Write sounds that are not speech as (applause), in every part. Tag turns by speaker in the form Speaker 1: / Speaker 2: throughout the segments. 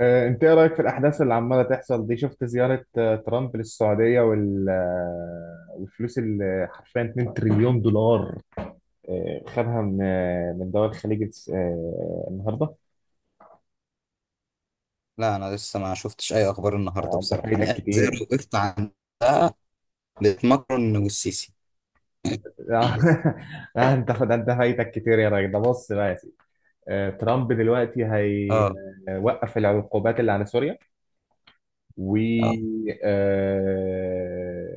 Speaker 1: انت ايه رايك في الاحداث اللي عماله تحصل دي؟ شفت زياره ترامب للسعوديه وال آه، والفلوس اللي حرفيا 2 تريليون دولار خدها من من دول الخليج النهارده؟
Speaker 2: لا، انا لسه ما شفتش اي اخبار النهارده
Speaker 1: انت
Speaker 2: بصراحه. انا
Speaker 1: فايتك
Speaker 2: قاعد زي ما
Speaker 1: كتير.
Speaker 2: وقفت عندها، لماكرون والسيسي.
Speaker 1: (laughs) آه، انت فايتك كتير يا راجل. ده بص بقى يا سيدي، ترامب دلوقتي
Speaker 2: اه.
Speaker 1: هيوقف العقوبات اللي على سوريا و
Speaker 2: اه.
Speaker 1: آه،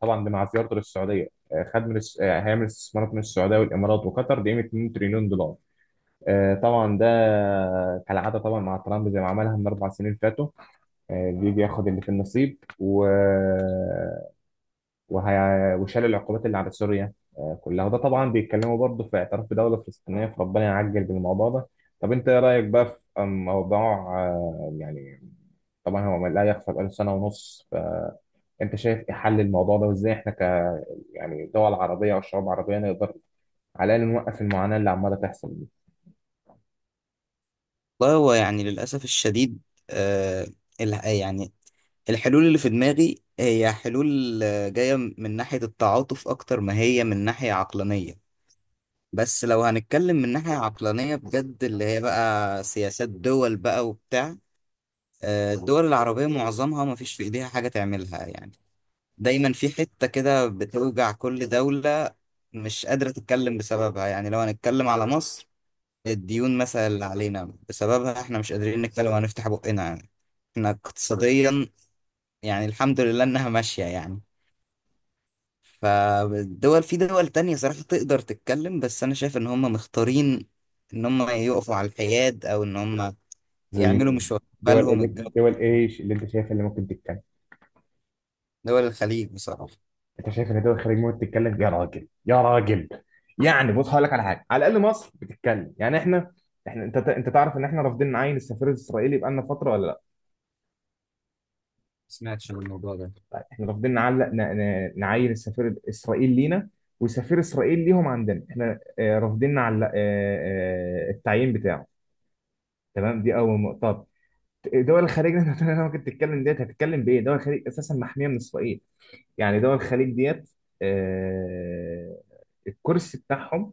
Speaker 1: طبعا ده مع زيارته للسعوديه، آه، خد من الس- آه، هيعمل استثمارات من السعوديه والامارات وقطر بقيمه 2 تريليون دولار. طبعا ده كالعاده طبعا مع ترامب، زي ما عملها من 4 سنين فاتوا. بيجي ياخد اللي في النصيب وهي... وشال العقوبات اللي على سوريا كلها، وده طبعا بيتكلموا برضه في اعتراف بدوله فلسطينيه، فربنا يعجل بالموضوع ده. طب انت ايه رايك بقى في موضوع يعني طبعا هو لا يخفى، بقاله 1.5 سنه. فانت شايف ايه حل الموضوع ده، وازاي احنا يعني دول عربية أو شعوب عربية نقدر على الأقل نوقف المعاناة اللي عمالة تحصل دي؟
Speaker 2: والله، هو يعني للاسف الشديد. آه يعني الحلول اللي في دماغي هي حلول، جايه من ناحيه التعاطف اكتر ما هي من ناحيه عقلانيه. بس لو هنتكلم من ناحيه عقلانيه بجد، اللي هي بقى سياسات دول بقى وبتاع. الدول العربيه معظمها ما فيش في ايديها حاجه تعملها يعني. دايما في حتة كده بتوجع كل دولة، مش قادرة تتكلم بسببها. يعني لو هنتكلم على مصر، الديون مثلا اللي علينا بسببها احنا مش قادرين نتكلم وهنفتح بقنا، يعني احنا اقتصاديا، يعني الحمد لله انها ماشية يعني. فالدول، في دول تانية صراحة تقدر تتكلم، بس انا شايف ان هم مختارين ان هم يقفوا على الحياد، او ان هم
Speaker 1: زي
Speaker 2: يعملوا
Speaker 1: مين؟
Speaker 2: مش واخدين
Speaker 1: دول
Speaker 2: بالهم
Speaker 1: اللي
Speaker 2: الجو.
Speaker 1: دول إيش اللي أنت شايف اللي ممكن تتكلم؟
Speaker 2: دول الخليج بصراحة، ما
Speaker 1: أنت شايف إن دول الخليج ممكن تتكلم؟ يا راجل، يعني بص هقول لك على حاجة: على الأقل مصر بتتكلم. يعني إحنا أنت تعرف إن إحنا رافضين نعين السفير الإسرائيلي بقالنا فترة ولا لأ؟
Speaker 2: سمعتش عن الموضوع ده.
Speaker 1: إحنا رافضين نعلق نعين السفير الإسرائيلي لينا، وسفير إسرائيل ليهم عندنا. إحنا رافضين نعلق التعيين بتاعه. تمام، دي أول نقطة. دول الخليج اللي انت ممكن تتكلم ديت هتتكلم بايه؟ دول الخليج اساسا محميه من اسرائيل. يعني دول الخليج ديت، آه، الكرسي بتاعهم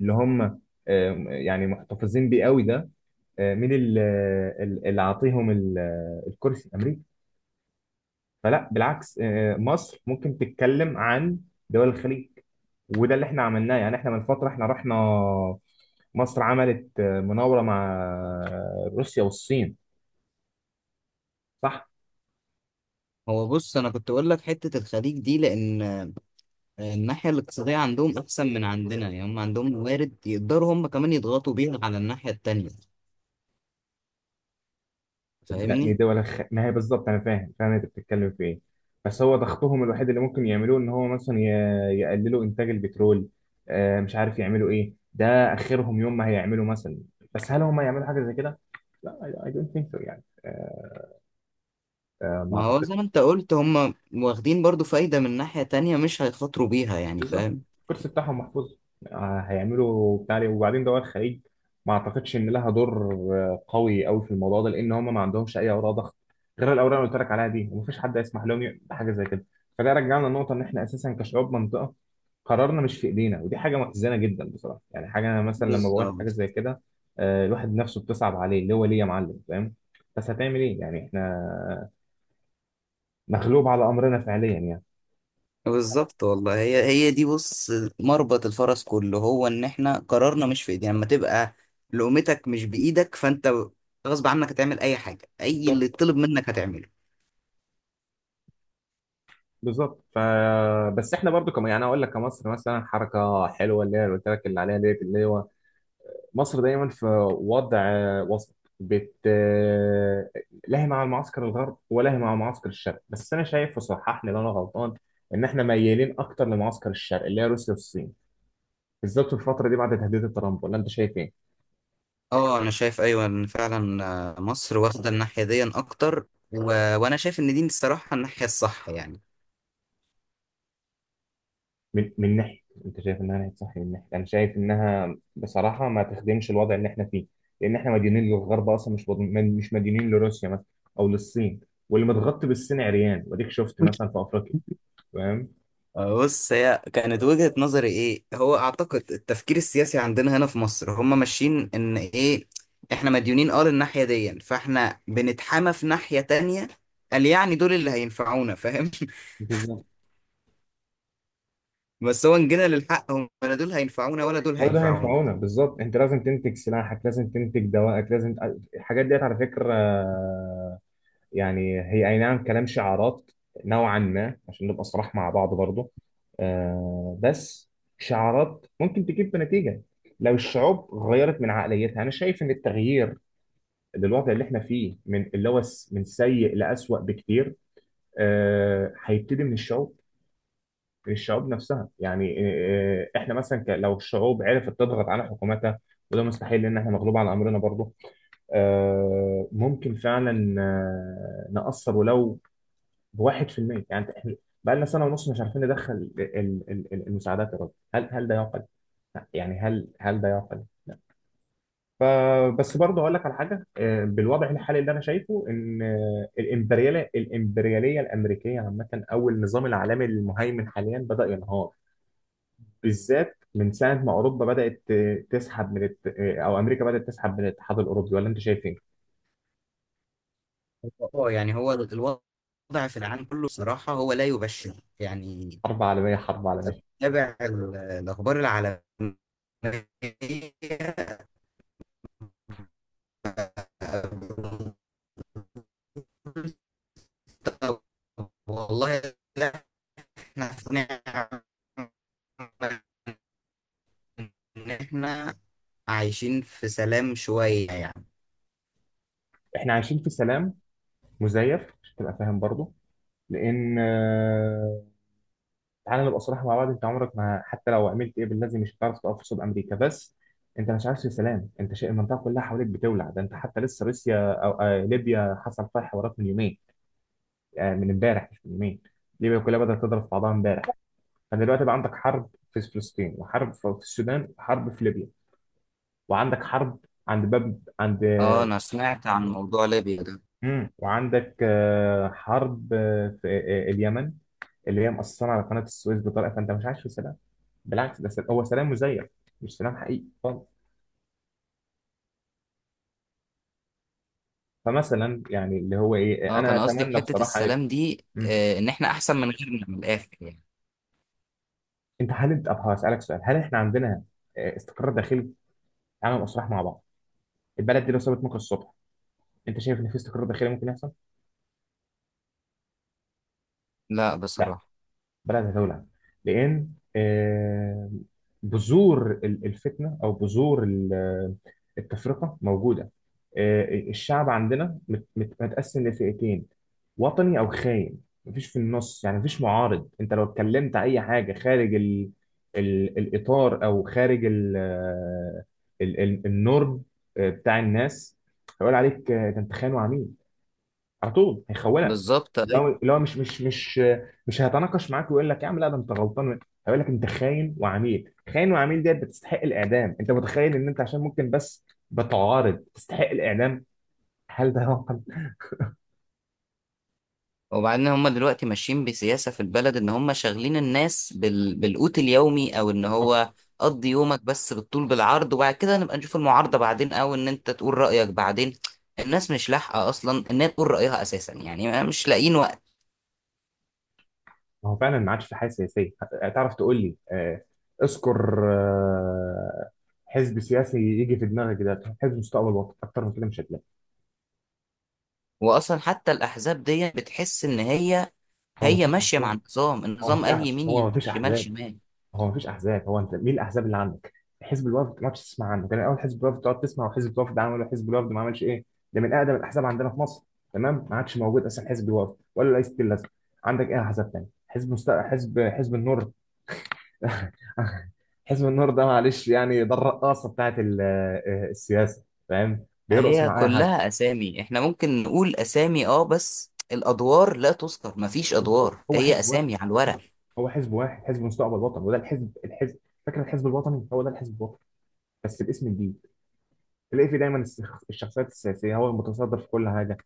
Speaker 1: اللي هم يعني محتفظين بيه قوي ده، مين اللي عاطيهم الكرسي؟ امريكا. فلا، بالعكس، مصر ممكن تتكلم عن دول الخليج. وده اللي احنا عملناه، يعني احنا من فتره احنا رحنا، مصر عملت مناوره مع روسيا والصين. صح.
Speaker 2: هو بص، انا كنت اقول لك حته الخليج دي لان الناحية الاقتصادية عندهم أحسن من عندنا، يعني هم عندهم موارد يقدروا هم كمان يضغطوا بيها على الناحية التانية.
Speaker 1: لا
Speaker 2: فاهمني؟
Speaker 1: دي ولا خ... ما هي بالظبط انا فاهم، فاهم انت بتتكلم في ايه. بس هو ضغطهم الوحيد اللي ممكن يعملوه ان هو مثلا يقللوا انتاج البترول. آه مش عارف يعملوا ايه، ده اخرهم يوم ما هيعملوا مثلا، بس هل هم يعملوا حاجه زي كده؟ لا، I don't think so. يعني آه، ما
Speaker 2: ما هو زي ما
Speaker 1: اعتقدش.
Speaker 2: أنت قلت، هم واخدين برضو فايدة من ناحية تانية مش هيخاطروا بيها يعني،
Speaker 1: بالظبط،
Speaker 2: فاهم؟
Speaker 1: الكرسي بتاعهم محفوظ. هيعملوا بتاع ليه؟ وبعدين دول الخليج ما اعتقدش ان لها دور قوي في الموضوع ده، لان هم ما عندهمش اي اوراق ضغط غير الاوراق اللي قلت لك عليها دي، ومفيش حد يسمح لهم يعمل حاجه زي كده. فده رجعنا للنقطه ان احنا اساسا كشعوب منطقه، قرارنا مش في ايدينا، ودي حاجه محزنه جدا بصراحه. يعني حاجه انا مثلا لما بقول حاجه
Speaker 2: بالظبط.
Speaker 1: زي كده، الواحد نفسه بتصعب عليه، اللي هو ليه يا معلم؟ فاهم؟ بس هتعمل ايه يعني؟ احنا مغلوب على امرنا فعليا يعني.
Speaker 2: بالظبط، والله هي دي بص، مربط الفرس كله هو إن إحنا قرارنا مش في إيدينا. لما تبقى لقمتك مش بإيدك، فأنت غصب عنك هتعمل أي حاجة، أي اللي
Speaker 1: بالظبط.
Speaker 2: يطلب منك هتعمله.
Speaker 1: بالظبط. بس احنا برضو كم، يعني اقول لك كمصر مثلا حركه حلوه اللي هي اللي قلت لك اللي عليها ديت، اللي هو مصر دايما في وضع وسط، بت لاهي مع المعسكر الغرب ولاهي مع معسكر الشرق. بس انا شايف، وصحح لي لو انا غلطان، ان احنا ميالين اكتر لمعسكر الشرق اللي هي روسيا والصين، بالذات في الفتره دي بعد تهديد ترامب. ولا انت شايف ايه؟
Speaker 2: اه، انا شايف، ايوه، ان فعلا مصر واخده الناحيه دي اكتر و... وانا شايف ان دي الصراحه الناحيه الصح يعني.
Speaker 1: من ناحيه انت شايف انها ناحيه صح، من ناحيه انا شايف انها بصراحه ما تخدمش الوضع اللي احنا فيه، لان احنا مديونين للغرب اصلا، مش مديونين لروسيا مثلا او للصين. واللي متغطي بالصين عريان، واديك شفت مثلا في افريقيا. فاهم.
Speaker 2: بص، هي كانت وجهة نظري ايه، هو اعتقد التفكير السياسي عندنا هنا في مصر هم ماشيين ان ايه. احنا مديونين، اه، للناحية دي، فاحنا بنتحامى في ناحية تانية، قال يعني دول اللي هينفعونا، فاهم؟
Speaker 1: بالظبط.
Speaker 2: (laughs) بس هو ان جينا للحق، هم لا دول هينفعونا ولا دول
Speaker 1: برضه
Speaker 2: هينفعونا.
Speaker 1: هينفعونا، بالظبط. انت لازم تنتج سلاحك، لازم تنتج دوائك، لازم. الحاجات ديت على فكره يعني هي أي نعم كلام شعارات نوعا ما، عشان نبقى صراح مع بعض برضه، آه. بس شعارات ممكن تجيب بنتيجة لو الشعوب غيرت من عقليتها. أنا شايف إن التغيير للوضع اللي إحنا فيه، من اللي هو من سيء لأسوأ بكتير، آه هيبتدي من الشعوب، من الشعوب نفسها. يعني إحنا مثلا لو الشعوب عرفت تضغط على حكوماتها، وده مستحيل لأن إحنا مغلوب على أمرنا برضه، ممكن فعلا نأثر ولو بـ1%. يعني احنا بقى لنا 1.5 سنة مش عارفين ندخل المساعدات يا راجل، هل ده يعقل؟ لا، يعني هل ده يعقل؟ فبس برضه اقول لك على حاجه: بالوضع الحالي اللي انا شايفه ان الامبرياليه الامريكيه عامه، او النظام العالمي المهيمن حاليا بدا ينهار، بالذات من ساعه ما اوروبا بدات آه، تسحب من الت... آه، او امريكا بدات تسحب من الاتحاد الاوروبي. ولا انت شايف ايه؟
Speaker 2: اه، يعني هو الوضع في العالم كله صراحة هو لا يبشر يعني.
Speaker 1: حرب عالميه، حرب عالميه.
Speaker 2: أتابع الأخبار العالمية. طب، والله لا، احنا في نعمة إن احنا عايشين في سلام شوية يعني.
Speaker 1: احنا عايشين في سلام مزيف، عشان تبقى فاهم برضه، لان تعالى نبقى صراحة مع بعض، انت عمرك ما حتى لو عملت ايه باللازم مش هتعرف تقف قصاد امريكا. بس انت مش عارف في سلام، انت شايف المنطقه كلها حواليك بتولع؟ ده انت حتى لسه روسيا او آه ليبيا حصل فيها حوارات من يومين، آه من امبارح مش من يومين. ليبيا كلها بدات تضرب في بعضها امبارح. فدلوقتي بقى عندك حرب في فلسطين، وحرب في السودان، وحرب في ليبيا، وعندك حرب عند باب عند.
Speaker 2: اه، انا سمعت عن موضوع ليبيا ده.
Speaker 1: وعندك حرب آه، في آه، آه، اليمن، اللي هي مأثرة على قناة السويس بطريقة. فأنت مش عايش في سلام، بالعكس، ده هو سلام مزيف، مش سلام حقيقي خالص. فمثلا يعني اللي هو إيه،
Speaker 2: اه،
Speaker 1: أنا
Speaker 2: كان قصدي
Speaker 1: أتمنى
Speaker 2: بحتة
Speaker 1: بصراحة.
Speaker 2: السلام دي،
Speaker 1: مم.
Speaker 2: ان احنا احسن من غيرنا، من الاخر يعني.
Speaker 1: أنت أبقى هسألك سؤال: هل إحنا عندنا استقرار داخلي؟ عامل أسراح مع بعض، البلد دي لو سابت ممكن الصبح. أنت شايف إن في استقرار داخلي ممكن يحصل؟
Speaker 2: لا،
Speaker 1: لا.
Speaker 2: بصراحة.
Speaker 1: بدأت أتولع، لأن آه، بذور الفتنة، أو بذور التفرقة موجودة. آه، الشعب عندنا متقسم لفئتين، وطني أو خاين. مفيش في النص، يعني مفيش معارض. أنت لو اتكلمت أي حاجة خارج ال ال الإطار، أو خارج ال آه، ال ال النورم بتاع الناس، هيقول عليك ده أنت خاين وعميل، على طول هيخونك.
Speaker 2: بالظبط، أيوة.
Speaker 1: لو لو مش مش مش مش هيتناقش معاك ويقول لك يا عم لا، ده انت غلطان. هيقول لك انت خاين وعميل، خاين وعميل ديت بتستحق الاعدام. انت متخيل ان انت عشان ممكن بس بتعارض تستحق الاعدام؟ هل ده واقع؟
Speaker 2: وبعدين هم دلوقتي ماشيين بسياسة في البلد، ان هم شاغلين الناس بالقوت اليومي، او ان
Speaker 1: بالظبط.
Speaker 2: هو قضي يومك بس بالطول بالعرض، وبعد كده نبقى نشوف المعارضة بعدين، او ان انت تقول رأيك بعدين. الناس مش لاحقة اصلا انها تقول رأيها اساسا، يعني مش لاقيين وقت.
Speaker 1: ما هو فعلا ما عادش في حاجه سياسيه، تعرف تقول لي اذكر حزب سياسي يجي في دماغك، ده حزب مستقبل الوطن، اكتر من كده مش هتلاقي.
Speaker 2: واصلا حتى الاحزاب دي بتحس ان هي
Speaker 1: هو ما
Speaker 2: هي
Speaker 1: فيش
Speaker 2: ماشية مع
Speaker 1: احزاب.
Speaker 2: النظام.
Speaker 1: هو ما
Speaker 2: النظام
Speaker 1: فيش
Speaker 2: قال
Speaker 1: أح-
Speaker 2: يمين
Speaker 1: هو ما
Speaker 2: يمين،
Speaker 1: فيش
Speaker 2: شمال
Speaker 1: احزاب
Speaker 2: شمال.
Speaker 1: هو مفيش احزاب هو انت مين الاحزاب اللي عندك؟ حزب الوفد، ما كنتش تسمع عنه كان الاول؟ حزب الوفد تقعد تسمع، وحزب الوفد عمل، ولا حزب الوفد ما عملش ايه، ده من اقدم الاحزاب عندنا في مصر. تمام، ما عادش موجود اصلا حزب الوفد ولا رئيس الازمه. عندك ايه احزاب تاني؟ حزب النور. (laughs) حزب النور ده معلش يعني، ده الرقاصه بتاعت السياسه، فاهم، بيرقص
Speaker 2: هي
Speaker 1: مع اي حد.
Speaker 2: كلها اسامي، احنا ممكن نقول اسامي اه، بس الادوار لا تذكر، مفيش ادوار،
Speaker 1: هو
Speaker 2: هي
Speaker 1: حزب واحد،
Speaker 2: اسامي على الورق.
Speaker 1: هو حزب واحد، حزب مستقبل الوطن، وده الحزب الحزب. فاكر الحزب الوطني؟ هو ده الحزب الوطني بس باسم جديد. تلاقي في دايما الشخصيات السياسيه هو المتصدر في كل حاجه،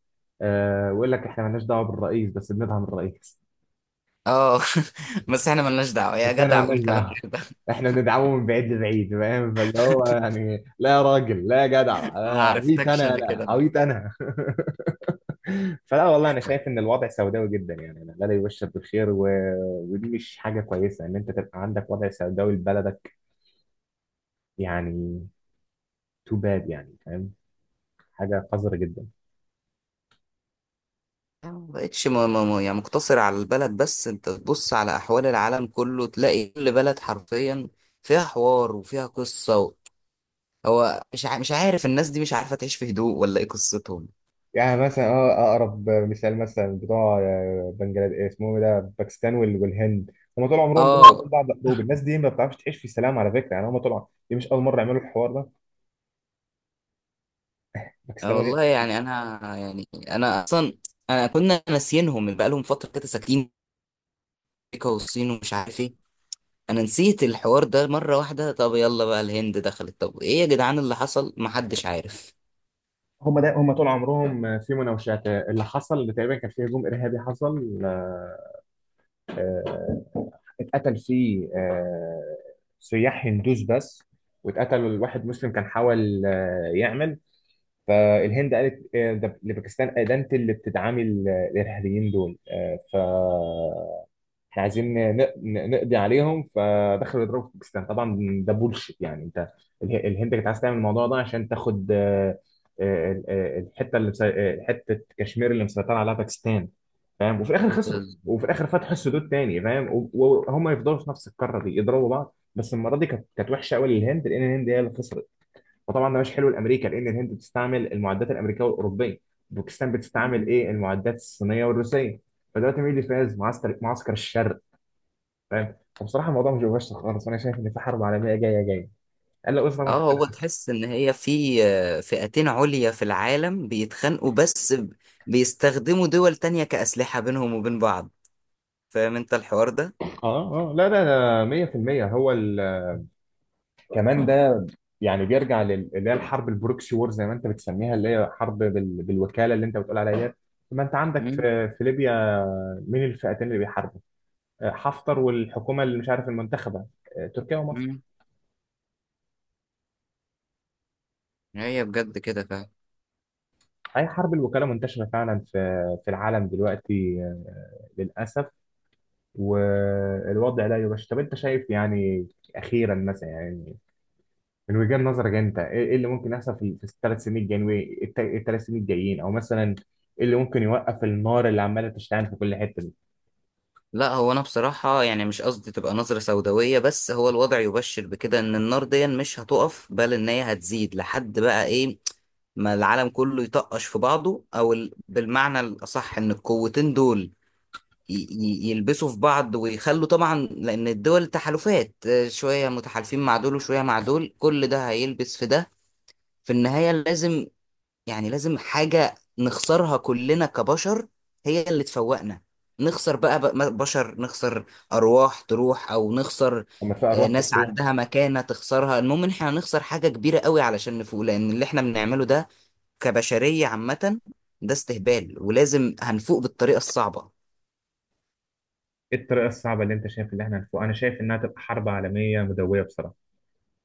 Speaker 1: آه، ويقول لك احنا مالناش دعوه بالرئيس بس بندعم الرئيس.
Speaker 2: اه. (laughs) بس احنا ملناش دعوة يا
Speaker 1: بس احنا
Speaker 2: جدع، قول
Speaker 1: مالناش
Speaker 2: كلام
Speaker 1: دعوه،
Speaker 2: غير ده.
Speaker 1: احنا بندعمه من بعيد لبعيد. فاهم؟ فاللي هو يعني لا يا راجل، لا يا جدع،
Speaker 2: (laughs) ما
Speaker 1: عبيط
Speaker 2: عرفتكش
Speaker 1: انا؟
Speaker 2: انا كده
Speaker 1: لا،
Speaker 2: بقى.
Speaker 1: عبيط انا. (laughs) فلا والله انا شايف ان
Speaker 2: (laughs)
Speaker 1: الوضع سوداوي جدا. يعني أنا لا، لا يبشر بالخير، ودي مش حاجه كويسه ان انت تبقى عندك وضع سوداوي لبلدك يعني. تو باد يعني، فاهم، حاجه قذره جدا.
Speaker 2: ما بقتش يعني مقتصر على البلد بس، انت تبص على احوال العالم كله، تلاقي كل بلد حرفيا فيها حوار وفيها قصة. هو مش عارف الناس دي مش عارفة تعيش في هدوء، ولا ايه قصتهم؟
Speaker 1: يعني مثلا، اه، اقرب مثال مثلا بتوع بنجلاديش اسمهم إيه ده، باكستان والهند. هم طول عمرهم بينهم
Speaker 2: اه.
Speaker 1: وبين بعض حروب، الناس دي ما بتعرفش تعيش في السلام على فكره. يعني هم دي مش اول مره يعملوا الحوار ده، باكستان والهند.
Speaker 2: والله يعني، انا يعني انا اصلا كنا ناسيينهم بقى، لهم فترة كده ساكتين، امريكا والصين ومش عارف ايه. انا نسيت الحوار ده مرة واحدة. طب يلا بقى الهند دخلت، طب ايه يا جدعان اللي حصل؟ محدش عارف.
Speaker 1: هم طول عمرهم في مناوشات. اللي حصل اللي تقريبا كان في هجوم ارهابي حصل، آه، اتقتل فيه سياح هندوس بس، واتقتل واحد مسلم كان حاول يعمل. فالهند قالت ده لباكستان، ده انت اللي بتدعمي الارهابيين دول، فاحنا عايزين نقضي عليهم. فدخلوا يضربوا في باكستان طبعا. ده بولشيت يعني، انت الهند كانت عايزه تعمل الموضوع ده عشان تاخد الحته اللي مسي- آه، حته كشمير اللي مسيطره عليها باكستان. فاهم؟ وفي الاخر خسروا،
Speaker 2: بس-
Speaker 1: وفي الاخر فتحوا السدود تاني، فاهم، وهم يفضلوا في نفس القاره دي يضربوا بعض، بس المره دي كانت وحشه قوي للهند، لان الهند هي اللي خسرت. وطبعا ده مش حلو لامريكا، لان الهند بتستعمل المعدات الامريكيه والاوروبيه، باكستان بتستعمل ايه؟ المعدات الصينيه والروسيه. فدلوقتي مين اللي فاز؟ معسكر، معسكر الشر. فاهم؟ فبصراحه الموضوع مش مباشر خالص، وانا شايف ان في حرب عالميه جايه. الا بس طبعا في
Speaker 2: اه،
Speaker 1: حاجه
Speaker 2: هو
Speaker 1: حصلت.
Speaker 2: تحس ان هي في فئتين عليا في العالم بيتخانقوا، بس بيستخدموا دول تانية كأسلحة بينهم وبين بعض، فاهم انت الحوار ده؟
Speaker 1: اه اه لا لا لا، 100% هو كمان ده يعني بيرجع اللي هي الحرب البروكسي وور زي ما انت بتسميها، اللي هي حرب بالوكاله اللي انت بتقول عليها ديت. ما انت عندك
Speaker 2: مم.
Speaker 1: في ليبيا، مين الفئتين اللي بيحاربوا؟ حفتر والحكومه اللي مش عارف المنتخبه، تركيا ومصر.
Speaker 2: مم. هي بجد كده فعلا.
Speaker 1: أي، حرب الوكالة منتشرة فعلا في العالم دلوقتي للأسف. والوضع لا يبشر. طب أنت شايف يعني أخيرا مثلا، يعني من وجهة نظرك أنت، إيه إيه اللي ممكن يحصل في الـ3 سنين الجايين؟ الـ3 سنين الجايين، أو مثلا إيه اللي ممكن يوقف النار اللي عمالة تشتعل في كل حتة دي؟
Speaker 2: لا، هو انا بصراحة، يعني مش قصدي تبقى نظرة سوداوية، بس هو الوضع يبشر بكده، ان النار دي مش هتقف بل ان هي هتزيد لحد بقى ايه؟ ما العالم كله يطقش في بعضه، او بالمعنى الاصح ان القوتين دول يلبسوا في بعض ويخلوا طبعا، لان الدول تحالفات، شوية متحالفين مع دول وشوية مع دول، كل ده هيلبس في ده. في النهاية لازم، يعني لازم حاجة نخسرها كلنا كبشر، هي اللي تفوقنا. نخسر بقى بشر، نخسر أرواح تروح، أو نخسر
Speaker 1: لما في أرواح
Speaker 2: ناس
Speaker 1: بتروح،
Speaker 2: عندها مكانة تخسرها. المهم إن إحنا هنخسر حاجة كبيرة قوي علشان نفوق، لأن اللي إحنا بنعمله ده كبشرية عامة ده استهبال، ولازم هنفوق بالطريقة الصعبة.
Speaker 1: إيه الطريقة الصعبة اللي أنت شايف اللي إحنا هنفوق؟ أنا شايف إنها تبقى حرب عالمية مدوية بصراحة.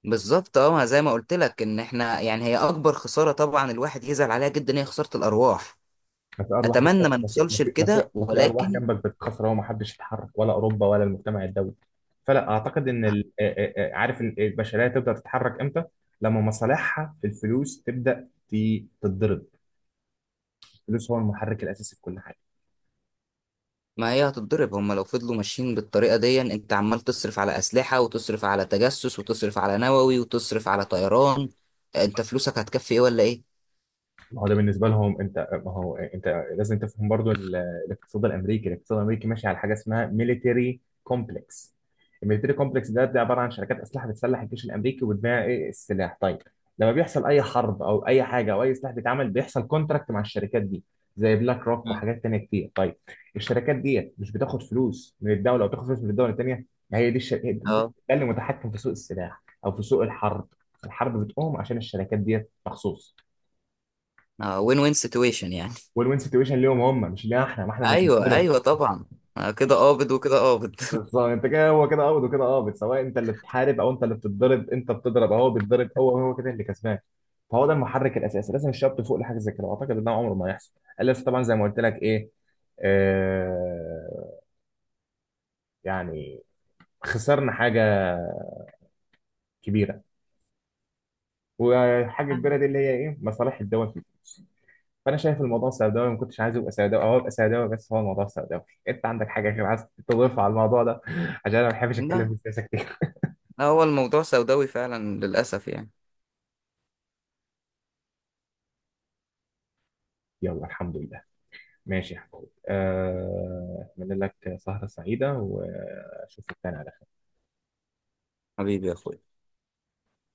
Speaker 2: بالظبط، اه، ما زي ما قلت لك ان احنا، يعني هي اكبر خسارة طبعا الواحد يزعل عليها جدا، هي خسارة الارواح.
Speaker 1: ما في ارواح
Speaker 2: اتمنى
Speaker 1: جنبك،
Speaker 2: ما
Speaker 1: ما في ما
Speaker 2: نوصلش
Speaker 1: في ما في
Speaker 2: لكده
Speaker 1: ما في ارواح
Speaker 2: ولكن
Speaker 1: جنبك بتتكسر وما حدش يتحرك، ولا اوروبا ولا المجتمع الدولي. فلا اعتقد ان عارف البشريه تبدا تتحرك امتى؟ لما مصالحها في الفلوس تبدا تتضرب. الفلوس هو المحرك الاساسي في كل حاجه.
Speaker 2: ما هي هتتضرب، هما لو فضلوا ماشيين بالطريقة دي، انت عمال تصرف على أسلحة وتصرف على تجسس وتصرف على نووي وتصرف على طيران، انت فلوسك هتكفي ايه ولا ايه؟
Speaker 1: ما هو ده بالنسبه لهم، انت، ما هو انت لازم تفهم برضو الاقتصاد الامريكي. الاقتصاد الامريكي ماشي على حاجه اسمها ميليتري كومبلكس. الميليتري كومبلكس ده عباره عن شركات اسلحه بتسلح الجيش الامريكي وتبيع ايه؟ السلاح. طيب، لما بيحصل اي حرب او اي حاجه او اي سلاح بيتعمل، بيحصل كونتراكت مع الشركات دي زي بلاك روك
Speaker 2: مم.
Speaker 1: وحاجات تانية كتير. طيب، الشركات دي مش بتاخد فلوس من الدوله، او بتاخد فلوس من الدوله التانية؟ هي دي الشركه
Speaker 2: اه.
Speaker 1: ده اللي متحكم في سوق السلاح او في سوق الحرب. الحرب بتقوم عشان الشركات دي مخصوص.
Speaker 2: اه. وين وين سيتويشن يعني.
Speaker 1: وين وين سيتويشن ليهم هم، مش لينا احنا. ما احنا
Speaker 2: (laughs)
Speaker 1: اللي
Speaker 2: ايوه
Speaker 1: بنتضرب.
Speaker 2: ايوه طبعا. كده قابض وكده قابض.
Speaker 1: بالظبط. انت كده، هو كده قابض وكده قابض، سواء انت اللي بتحارب او انت اللي بتتضرب، انت بتضرب اهو، بيتضرب هو، هو كده اللي كسبان. فهو ده المحرك الاساسي. لازم الشباب تفوق لحاجه زي كده، واعتقد ان ده عمره ما هيحصل، الا إذا طبعا زي ما قلت لك ايه، آه، يعني خسرنا حاجه كبيره. والحاجه الكبيره دي اللي هي ايه؟ مصالح الدول في الفلوس. فانا شايف الموضوع سوداوي، ما كنتش عايز ابقى سوداوي، او ابقى سوداوي، بس هو الموضوع سوداوي. انت عندك حاجه غير عايز تضيفها على الموضوع ده؟ (laughs) عشان انا ما بحبش
Speaker 2: (laughs)
Speaker 1: اتكلم في
Speaker 2: لا،
Speaker 1: السياسه كتير.
Speaker 2: هو الموضوع سوداوي فعلا للأسف يعني.
Speaker 1: (laughs) يلا، الحمد لله. ماشي يا حبيبي، اتمنى لك سهره سعيده، واشوفك تاني على
Speaker 2: حبيبي يا اخويا.